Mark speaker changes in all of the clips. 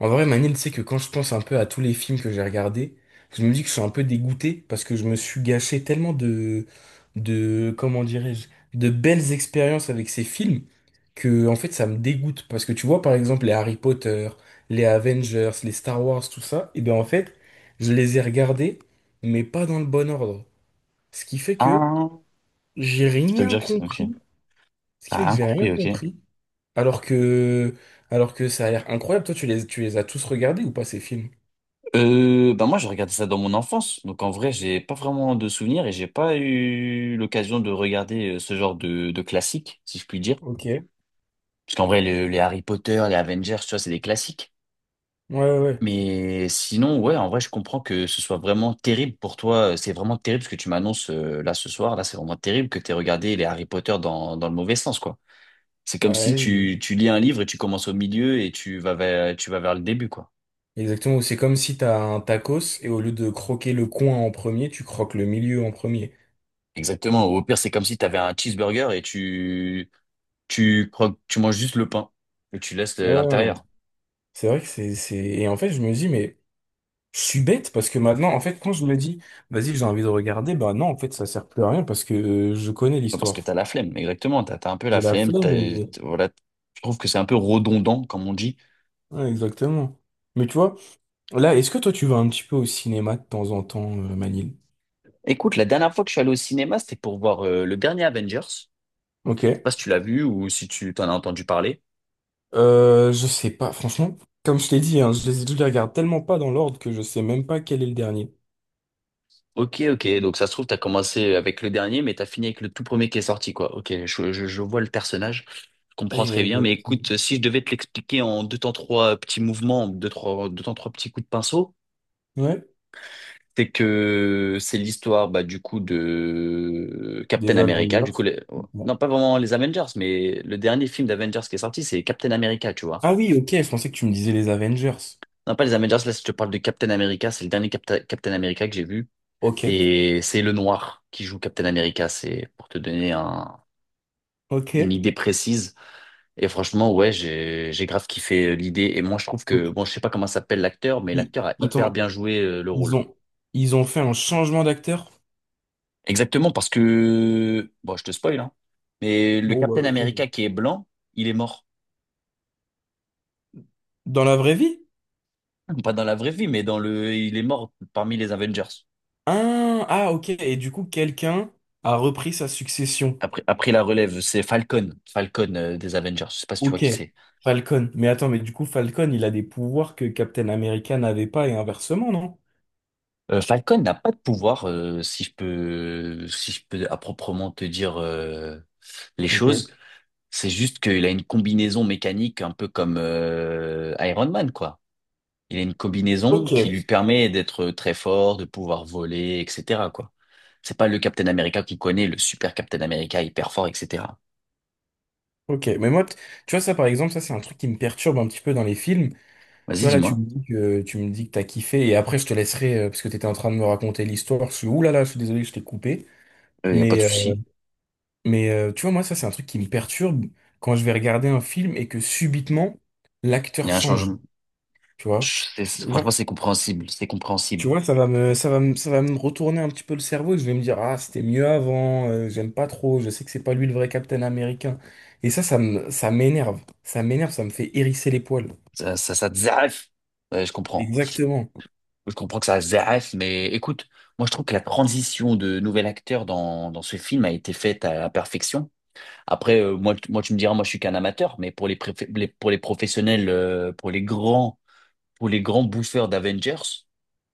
Speaker 1: En vrai, Manil, c'est que quand je pense un peu à tous les films que j'ai regardés, je me dis que je suis un peu dégoûté parce que je me suis gâché tellement comment dirais-je, de belles expériences avec ces films que, en fait, ça me dégoûte. Parce que tu vois, par exemple, les Harry Potter, les Avengers, les Star Wars, tout ça, et bien, en fait, je les ai regardés, mais pas dans le bon ordre. Ce qui fait que
Speaker 2: Ah,
Speaker 1: j'ai
Speaker 2: ça veut
Speaker 1: rien
Speaker 2: dire que c'est... Ok.
Speaker 1: compris. Ce qui
Speaker 2: T'as
Speaker 1: fait que
Speaker 2: rien
Speaker 1: j'ai rien
Speaker 2: compris, ok.
Speaker 1: compris. Alors que, alors que ça a l'air incroyable. Toi, tu les as tous regardés ou pas ces films?
Speaker 2: Bah moi, j'ai regardé ça dans mon enfance. Donc, en vrai, j'ai pas vraiment de souvenirs et j'ai pas eu l'occasion de regarder ce genre de classique, si je puis dire.
Speaker 1: Ok. Ouais,
Speaker 2: Parce qu'en vrai, les Harry Potter, les Avengers, tu vois, c'est des classiques.
Speaker 1: ouais, ouais.
Speaker 2: Mais sinon, ouais, en vrai, je comprends que ce soit vraiment terrible pour toi. C'est vraiment terrible ce que tu m'annonces là ce soir. Là, c'est vraiment terrible que t'aies regardé les Harry Potter dans le mauvais sens, quoi. C'est comme
Speaker 1: Bah,
Speaker 2: si
Speaker 1: ouais,
Speaker 2: tu lis un livre et tu commences au milieu et tu vas vers le début, quoi.
Speaker 1: exactement. C'est comme si t'as un tacos et au lieu de croquer le coin en premier, tu croques le milieu en premier.
Speaker 2: Exactement. Au pire, c'est comme si tu avais un cheeseburger et tu manges juste le pain et tu laisses
Speaker 1: Ouais, ouais, ouais.
Speaker 2: l'intérieur.
Speaker 1: C'est vrai que c'est... Et en fait, je me dis, mais je suis bête parce que maintenant, en fait, quand je me dis, vas-y, j'ai envie de regarder, bah non, en fait, ça sert plus à rien parce que je connais
Speaker 2: Parce que
Speaker 1: l'histoire.
Speaker 2: t'as la flemme, exactement. T'as un peu la
Speaker 1: J'ai la
Speaker 2: flemme.
Speaker 1: flemme et...
Speaker 2: Voilà. Je trouve que c'est un peu redondant, comme on dit.
Speaker 1: Ouais, exactement. Mais tu vois, là, est-ce que toi, tu vas un petit peu au cinéma de temps en temps, Manil?
Speaker 2: Écoute, la dernière fois que je suis allé au cinéma, c'était pour voir le dernier Avengers. Je sais pas
Speaker 1: Ok.
Speaker 2: si tu l'as vu ou si tu t'en as entendu parler.
Speaker 1: Je sais pas, franchement, comme je t'ai dit, hein, je les regarde tellement pas dans l'ordre que je sais même pas quel est le dernier.
Speaker 2: Ok, ok. Donc ça se trouve, t'as commencé avec le dernier, mais t'as fini avec le tout premier qui est sorti, quoi. Ok, je vois le personnage. Je comprends très
Speaker 1: Et,
Speaker 2: bien. Mais écoute, si je devais te l'expliquer en deux temps trois petits mouvements, deux temps trois petits coups de pinceau,
Speaker 1: ouais,
Speaker 2: c'est que c'est l'histoire, bah, du coup, de Captain
Speaker 1: des
Speaker 2: America. Du coup,
Speaker 1: Avengers. Bon.
Speaker 2: non, pas vraiment les Avengers, mais le dernier film d'Avengers qui est sorti, c'est Captain America, tu vois.
Speaker 1: Ah oui, ok, je pensais que tu me disais les Avengers.
Speaker 2: Non, pas les Avengers, là, si je te parle de Captain America, c'est le dernier Captain America que j'ai vu.
Speaker 1: Ok,
Speaker 2: Et c'est le noir qui joue Captain America, c'est pour te donner
Speaker 1: ok.
Speaker 2: une idée précise. Et franchement, ouais, j'ai grave kiffé l'idée. Et moi, je trouve que,
Speaker 1: Donc,
Speaker 2: bon, je sais pas comment s'appelle l'acteur, mais
Speaker 1: i-
Speaker 2: l'acteur a hyper
Speaker 1: Attends,
Speaker 2: bien joué le
Speaker 1: ils
Speaker 2: rôle.
Speaker 1: ont, ils ont fait un changement d'acteur?
Speaker 2: Exactement, parce que, bon, je te spoil, hein, mais le
Speaker 1: Bon, bah
Speaker 2: Captain America
Speaker 1: vas-y.
Speaker 2: qui est blanc, il est mort.
Speaker 1: Dans la vraie vie?
Speaker 2: Pas dans la vraie vie, mais dans le, il est mort parmi les Avengers.
Speaker 1: Ah, ah, ok, et du coup, quelqu'un a repris sa succession.
Speaker 2: Après la relève, c'est Falcon, Falcon des Avengers. Je sais pas si tu vois
Speaker 1: Ok,
Speaker 2: qui c'est.
Speaker 1: Falcon. Mais attends, mais du coup, Falcon, il a des pouvoirs que Captain America n'avait pas et inversement, non?
Speaker 2: Falcon n'a pas de pouvoir, si je peux, si je peux à proprement te dire les
Speaker 1: Ok,
Speaker 2: choses. C'est juste qu'il a une combinaison mécanique un peu comme Iron Man, quoi. Il a une combinaison
Speaker 1: ok,
Speaker 2: qui lui permet d'être très fort, de pouvoir voler, etc., quoi. C'est pas le Captain America qui connaît, le super Captain America hyper fort, etc.
Speaker 1: ok. Mais moi, tu vois, ça par exemple, ça c'est un truc qui me perturbe un petit peu dans les films. Tu
Speaker 2: Vas-y,
Speaker 1: vois, là,
Speaker 2: dis-moi.
Speaker 1: tu me dis que t'as kiffé et après, je te laisserai, parce que t'étais en train de me raconter l'histoire. Je suis, ouh là là, je suis désolé, je t'ai coupé.
Speaker 2: Il n'y a pas de
Speaker 1: Mais, euh,
Speaker 2: souci.
Speaker 1: mais tu vois, moi, ça c'est un truc qui me perturbe quand je vais regarder un film et que subitement,
Speaker 2: Il
Speaker 1: l'acteur
Speaker 2: y a un
Speaker 1: change.
Speaker 2: changement.
Speaker 1: Tu vois?
Speaker 2: Franchement, c'est compréhensible. C'est
Speaker 1: Tu
Speaker 2: compréhensible.
Speaker 1: vois, ça va me retourner un petit peu le cerveau et je vais me dire, ah, c'était mieux avant, j'aime pas trop, je sais que c'est pas lui le vrai Captain Américain. Et ça, ça m'énerve. Ça m'énerve, ça me fait hérisser les poils.
Speaker 2: Ça te zaf. Ouais, je comprends.
Speaker 1: Exactement.
Speaker 2: Je comprends que ça zaf, mais écoute, moi je trouve que la transition de nouvel acteur dans ce film a été faite à la perfection. Après, moi, moi tu me diras, moi je suis qu'un amateur, mais pour pour les professionnels, pour les grands bouffeurs d'Avengers,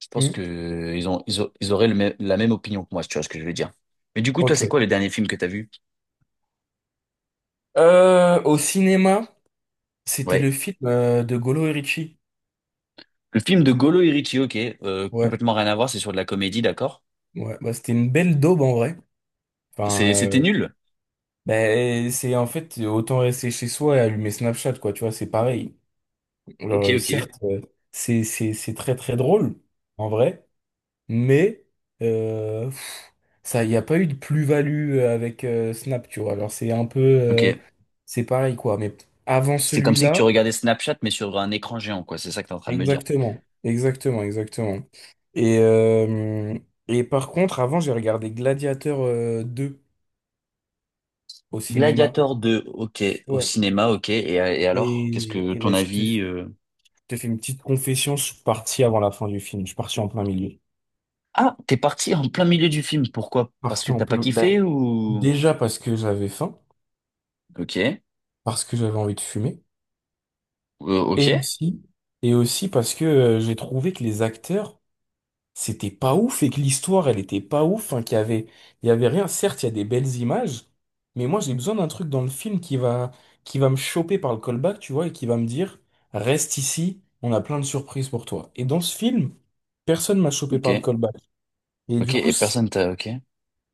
Speaker 2: je pense
Speaker 1: Hmm.
Speaker 2: que ils auraient le la même opinion que moi, si tu vois ce que je veux dire. Mais du coup, toi, c'est
Speaker 1: Ok.
Speaker 2: quoi le dernier film que t'as vu?
Speaker 1: Au cinéma, c'était le
Speaker 2: Ouais.
Speaker 1: film de Golo et Ritchie.
Speaker 2: Le film de Golo et Richie, ok,
Speaker 1: Ouais,
Speaker 2: complètement rien à voir, c'est sur de la comédie, d'accord?
Speaker 1: ouais. Bah, c'était une belle daube en vrai. Enfin,
Speaker 2: C'était nul?
Speaker 1: ben, c'est en fait autant rester chez soi et allumer Snapchat, quoi. Tu vois, c'est pareil. Alors,
Speaker 2: Ok, ok.
Speaker 1: certes, c'est très très drôle en vrai. Mais pff, ça, il n'y a pas eu de plus-value avec Snap, tu vois. Alors c'est un peu,
Speaker 2: Ok.
Speaker 1: c'est pareil quoi. Mais avant
Speaker 2: C'est comme si que
Speaker 1: celui-là,
Speaker 2: tu regardais Snapchat, mais sur un écran géant, quoi, c'est ça que t'es en train de me dire.
Speaker 1: exactement, exactement, exactement. Et euh, et par contre, avant, j'ai regardé Gladiateur 2 au cinéma.
Speaker 2: Gladiator 2, ok, au
Speaker 1: Ouais.
Speaker 2: cinéma, ok, et alors? Qu'est-ce que
Speaker 1: Et
Speaker 2: ton
Speaker 1: ben, je
Speaker 2: avis?
Speaker 1: te fais une petite confession. Je suis parti avant la fin du film. Je suis parti en plein milieu.
Speaker 2: Ah, t'es parti en plein milieu du film, pourquoi? Parce
Speaker 1: Parti
Speaker 2: que
Speaker 1: en
Speaker 2: t'as pas
Speaker 1: plein.
Speaker 2: kiffé
Speaker 1: Ben,
Speaker 2: ou...
Speaker 1: déjà parce que j'avais faim,
Speaker 2: Ok,
Speaker 1: parce que j'avais envie de fumer.
Speaker 2: ok,
Speaker 1: Et aussi, parce que j'ai trouvé que les acteurs, c'était pas ouf et que l'histoire, elle était pas ouf, hein, il y avait rien. Certes, il y a des belles images, mais moi, j'ai besoin d'un truc dans le film qui va me choper par le callback, tu vois, et qui va me dire, reste ici, on a plein de surprises pour toi. Et dans ce film, personne m'a chopé
Speaker 2: ok,
Speaker 1: par le callback. Et du
Speaker 2: ok,
Speaker 1: coup,
Speaker 2: et personne t'a... Ok.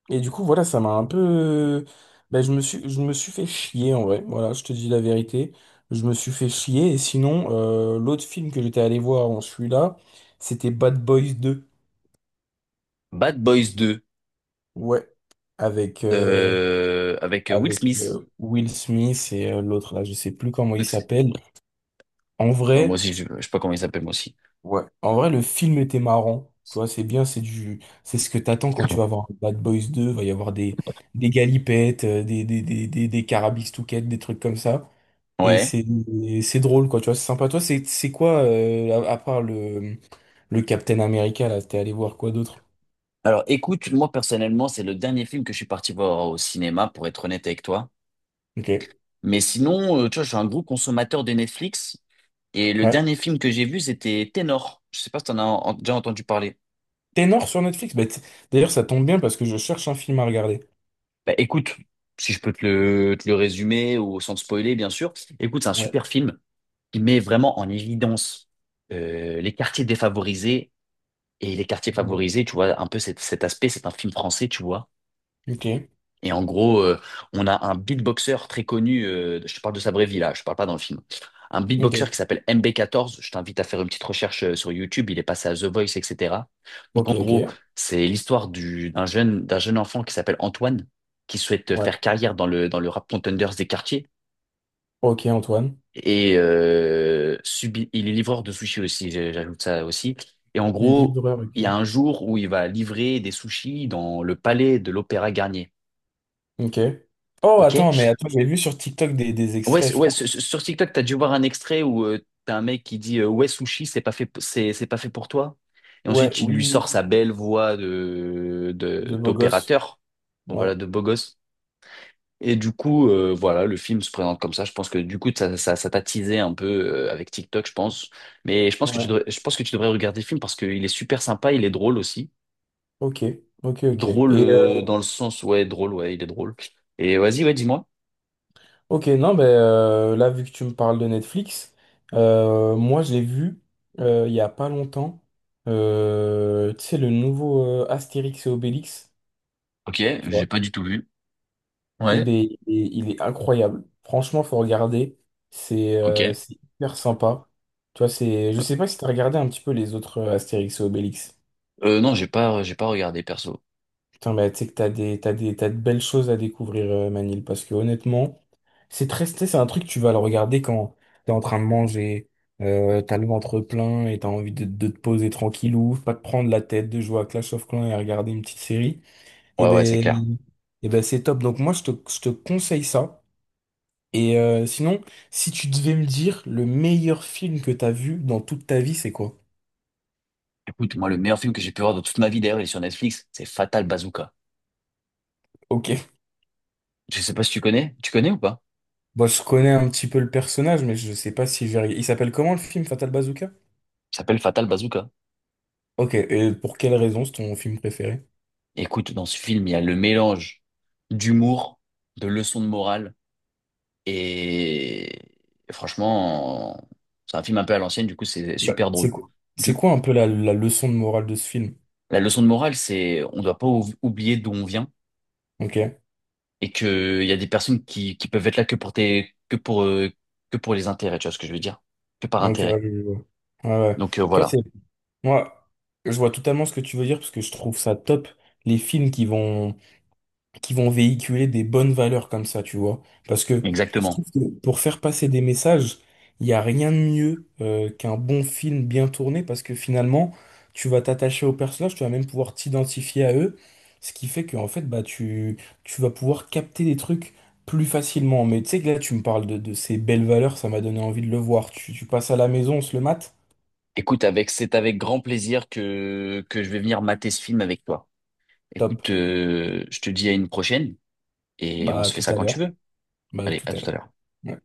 Speaker 1: voilà, ça m'a un peu... Ben, je me suis fait chier, en vrai. Voilà, je te dis la vérité. Je me suis fait chier. Et sinon, l'autre film que j'étais allé voir en celui-là, c'était Bad Boys deux.
Speaker 2: Bad Boys 2
Speaker 1: Ouais. Avec, euh,
Speaker 2: avec Will
Speaker 1: avec
Speaker 2: Smith.
Speaker 1: Will Smith et l'autre, là, je sais plus comment il
Speaker 2: Donc, c'est-
Speaker 1: s'appelle. En
Speaker 2: oh, moi
Speaker 1: vrai,
Speaker 2: aussi, je sais pas comment il s'appelle, moi aussi.
Speaker 1: ouais. En vrai, le film était marrant. Tu vois, c'est bien, c'est du... C'est ce que t'attends quand tu vas voir Bad Boys deux. Il va y avoir des galipettes, des carabistouquettes, des trucs comme ça. Et
Speaker 2: Ouais.
Speaker 1: c'est et c'est drôle, quoi, tu vois, c'est sympa. Toi, c'est quoi, à part le Captain America, là, t'es allé voir quoi d'autre?
Speaker 2: Alors, écoute, moi personnellement, c'est le dernier film que je suis parti voir au cinéma, pour être honnête avec toi.
Speaker 1: Ok.
Speaker 2: Mais sinon, tu vois, je suis un gros consommateur de Netflix. Et le
Speaker 1: Ouais.
Speaker 2: dernier film que j'ai vu, c'était Ténor. Je sais pas si t'en as déjà entendu parler.
Speaker 1: Ténor sur Netflix? Bah, d'ailleurs, ça tombe bien parce que je cherche un film à regarder.
Speaker 2: Bah, écoute, si je peux te le résumer ou sans te spoiler, bien sûr. Écoute, c'est un super
Speaker 1: Ouais.
Speaker 2: film qui met vraiment en évidence les quartiers défavorisés et les quartiers favorisés, tu vois, un peu cet aspect, c'est un film français, tu vois.
Speaker 1: Ok.
Speaker 2: Et en gros, on a un beatboxer très connu, je te parle de sa vraie vie là, je parle pas dans le film. Un beatboxer qui
Speaker 1: Ok.
Speaker 2: s'appelle MB14, je t'invite à faire une petite recherche sur YouTube, il est passé à The Voice, etc. Donc en
Speaker 1: Ok,
Speaker 2: gros,
Speaker 1: ok.
Speaker 2: c'est l'histoire d'un jeune enfant qui s'appelle Antoine, qui souhaite
Speaker 1: Ouais.
Speaker 2: faire carrière dans le rap contenders des quartiers.
Speaker 1: Ok, Antoine.
Speaker 2: Et il est livreur de sushis aussi, j'ajoute ça aussi. Et en gros,
Speaker 1: Livreur,
Speaker 2: il y a
Speaker 1: ok.
Speaker 2: un jour où il va livrer des sushis dans le palais de l'Opéra Garnier.
Speaker 1: Ok. Oh,
Speaker 2: Ok?
Speaker 1: attends, mais attends, j'ai vu sur TikTok des
Speaker 2: Ouais,
Speaker 1: extraits, je crois.
Speaker 2: sur sur TikTok, t'as dû voir un extrait où t'as un mec qui dit ouais sushi, c'est pas fait pour toi. Et
Speaker 1: Ouais,
Speaker 2: ensuite, il
Speaker 1: oui,
Speaker 2: lui
Speaker 1: oui,
Speaker 2: sort
Speaker 1: oui,
Speaker 2: sa belle voix de
Speaker 1: de beau gosse.
Speaker 2: d'opérateur, bon, voilà,
Speaker 1: Ouais,
Speaker 2: de beau gosse. Et du coup, voilà, le film se présente comme ça. Je pense que du coup, ça t'a teasé un peu avec TikTok, je pense. Mais je pense que
Speaker 1: ouais.
Speaker 2: tu devrais, je pense que tu devrais regarder le film parce qu'il est super sympa, il est drôle aussi.
Speaker 1: Ok, ok, ok.
Speaker 2: Drôle
Speaker 1: Et
Speaker 2: dans le sens, ouais, drôle, ouais, il est drôle. Et vas-y, ouais, dis-moi.
Speaker 1: ok, non, ben là, vu que tu me parles de Netflix, moi, je l'ai vu il y a pas longtemps. Tu sais, le nouveau Astérix et Obélix,
Speaker 2: Ok,
Speaker 1: tu
Speaker 2: j'ai
Speaker 1: vois.
Speaker 2: pas du tout vu.
Speaker 1: Et
Speaker 2: Ouais.
Speaker 1: ben, il est incroyable. Franchement, faut regarder.
Speaker 2: Ok.
Speaker 1: C'est hyper sympa. Tu vois, c'est... Je sais pas si tu as regardé un petit peu les autres Astérix et Obélix.
Speaker 2: Non, j'ai pas regardé perso.
Speaker 1: Putain, bah, tu sais que t'as de belles choses à découvrir, Manil, parce que honnêtement, c'est très, c'est un truc, tu vas le regarder quand t'es en train de manger, t'as le ventre plein et t'as envie de te poser tranquillou, pas te prendre la tête, de jouer à Clash of Clans et à regarder une petite série. Et
Speaker 2: Ouais, ouais, c'est clair.
Speaker 1: ben, c'est top. Donc moi, je te conseille ça. Et sinon, si tu devais me dire le meilleur film que t'as vu dans toute ta vie, c'est quoi?
Speaker 2: Écoute, moi, le meilleur film que j'ai pu voir de toute ma vie, d'ailleurs, il est sur Netflix, c'est Fatal Bazooka.
Speaker 1: Ok.
Speaker 2: Je sais pas si tu connais. Tu connais ou pas?
Speaker 1: Bon, je connais un petit peu le personnage, mais je sais pas si je vais... Il s'appelle comment le film Fatal Bazooka?
Speaker 2: Il s'appelle Fatal Bazooka.
Speaker 1: Ok, et pour quelle raison c'est ton film préféré?
Speaker 2: Écoute, dans ce film, il y a le mélange d'humour, de leçons de morale, et franchement, c'est un film un peu à l'ancienne, du coup, c'est
Speaker 1: Bah,
Speaker 2: super drôle.
Speaker 1: c'est
Speaker 2: Du-
Speaker 1: quoi un peu la leçon de morale de ce film?
Speaker 2: La leçon de morale, c'est on ne doit pas oublier d'où on vient
Speaker 1: Ok,
Speaker 2: et que il y a des personnes qui peuvent être là que pour tes, que pour les intérêts, tu vois ce que je veux dire? Que par
Speaker 1: ok,
Speaker 2: intérêt.
Speaker 1: ouais, je vois. Ouais, ouais.
Speaker 2: Donc
Speaker 1: Toi,
Speaker 2: voilà,
Speaker 1: c'est, moi, je vois totalement ce que tu veux dire parce que je trouve ça top, les films qui vont véhiculer des bonnes valeurs comme ça, tu vois. Parce que je
Speaker 2: exactement.
Speaker 1: trouve que pour faire passer des messages, il n'y a rien de mieux qu'un bon film bien tourné parce que finalement, tu vas t'attacher aux personnages, tu vas même pouvoir t'identifier à eux, ce qui fait qu'en fait, bah, tu vas pouvoir capter des trucs plus facilement. Mais tu sais que là, tu me parles de ces belles valeurs, ça m'a donné envie de le voir. Tu passes à la maison, on se le mate?
Speaker 2: Écoute, c'est avec grand plaisir que je vais venir mater ce film avec toi.
Speaker 1: Top.
Speaker 2: Écoute, je te dis à une prochaine et on
Speaker 1: Bah, à
Speaker 2: se fait
Speaker 1: tout
Speaker 2: ça
Speaker 1: à
Speaker 2: quand tu
Speaker 1: l'heure.
Speaker 2: veux.
Speaker 1: Bah, à
Speaker 2: Allez,
Speaker 1: tout
Speaker 2: à
Speaker 1: à
Speaker 2: tout
Speaker 1: l'heure.
Speaker 2: à l'heure.
Speaker 1: Ouais.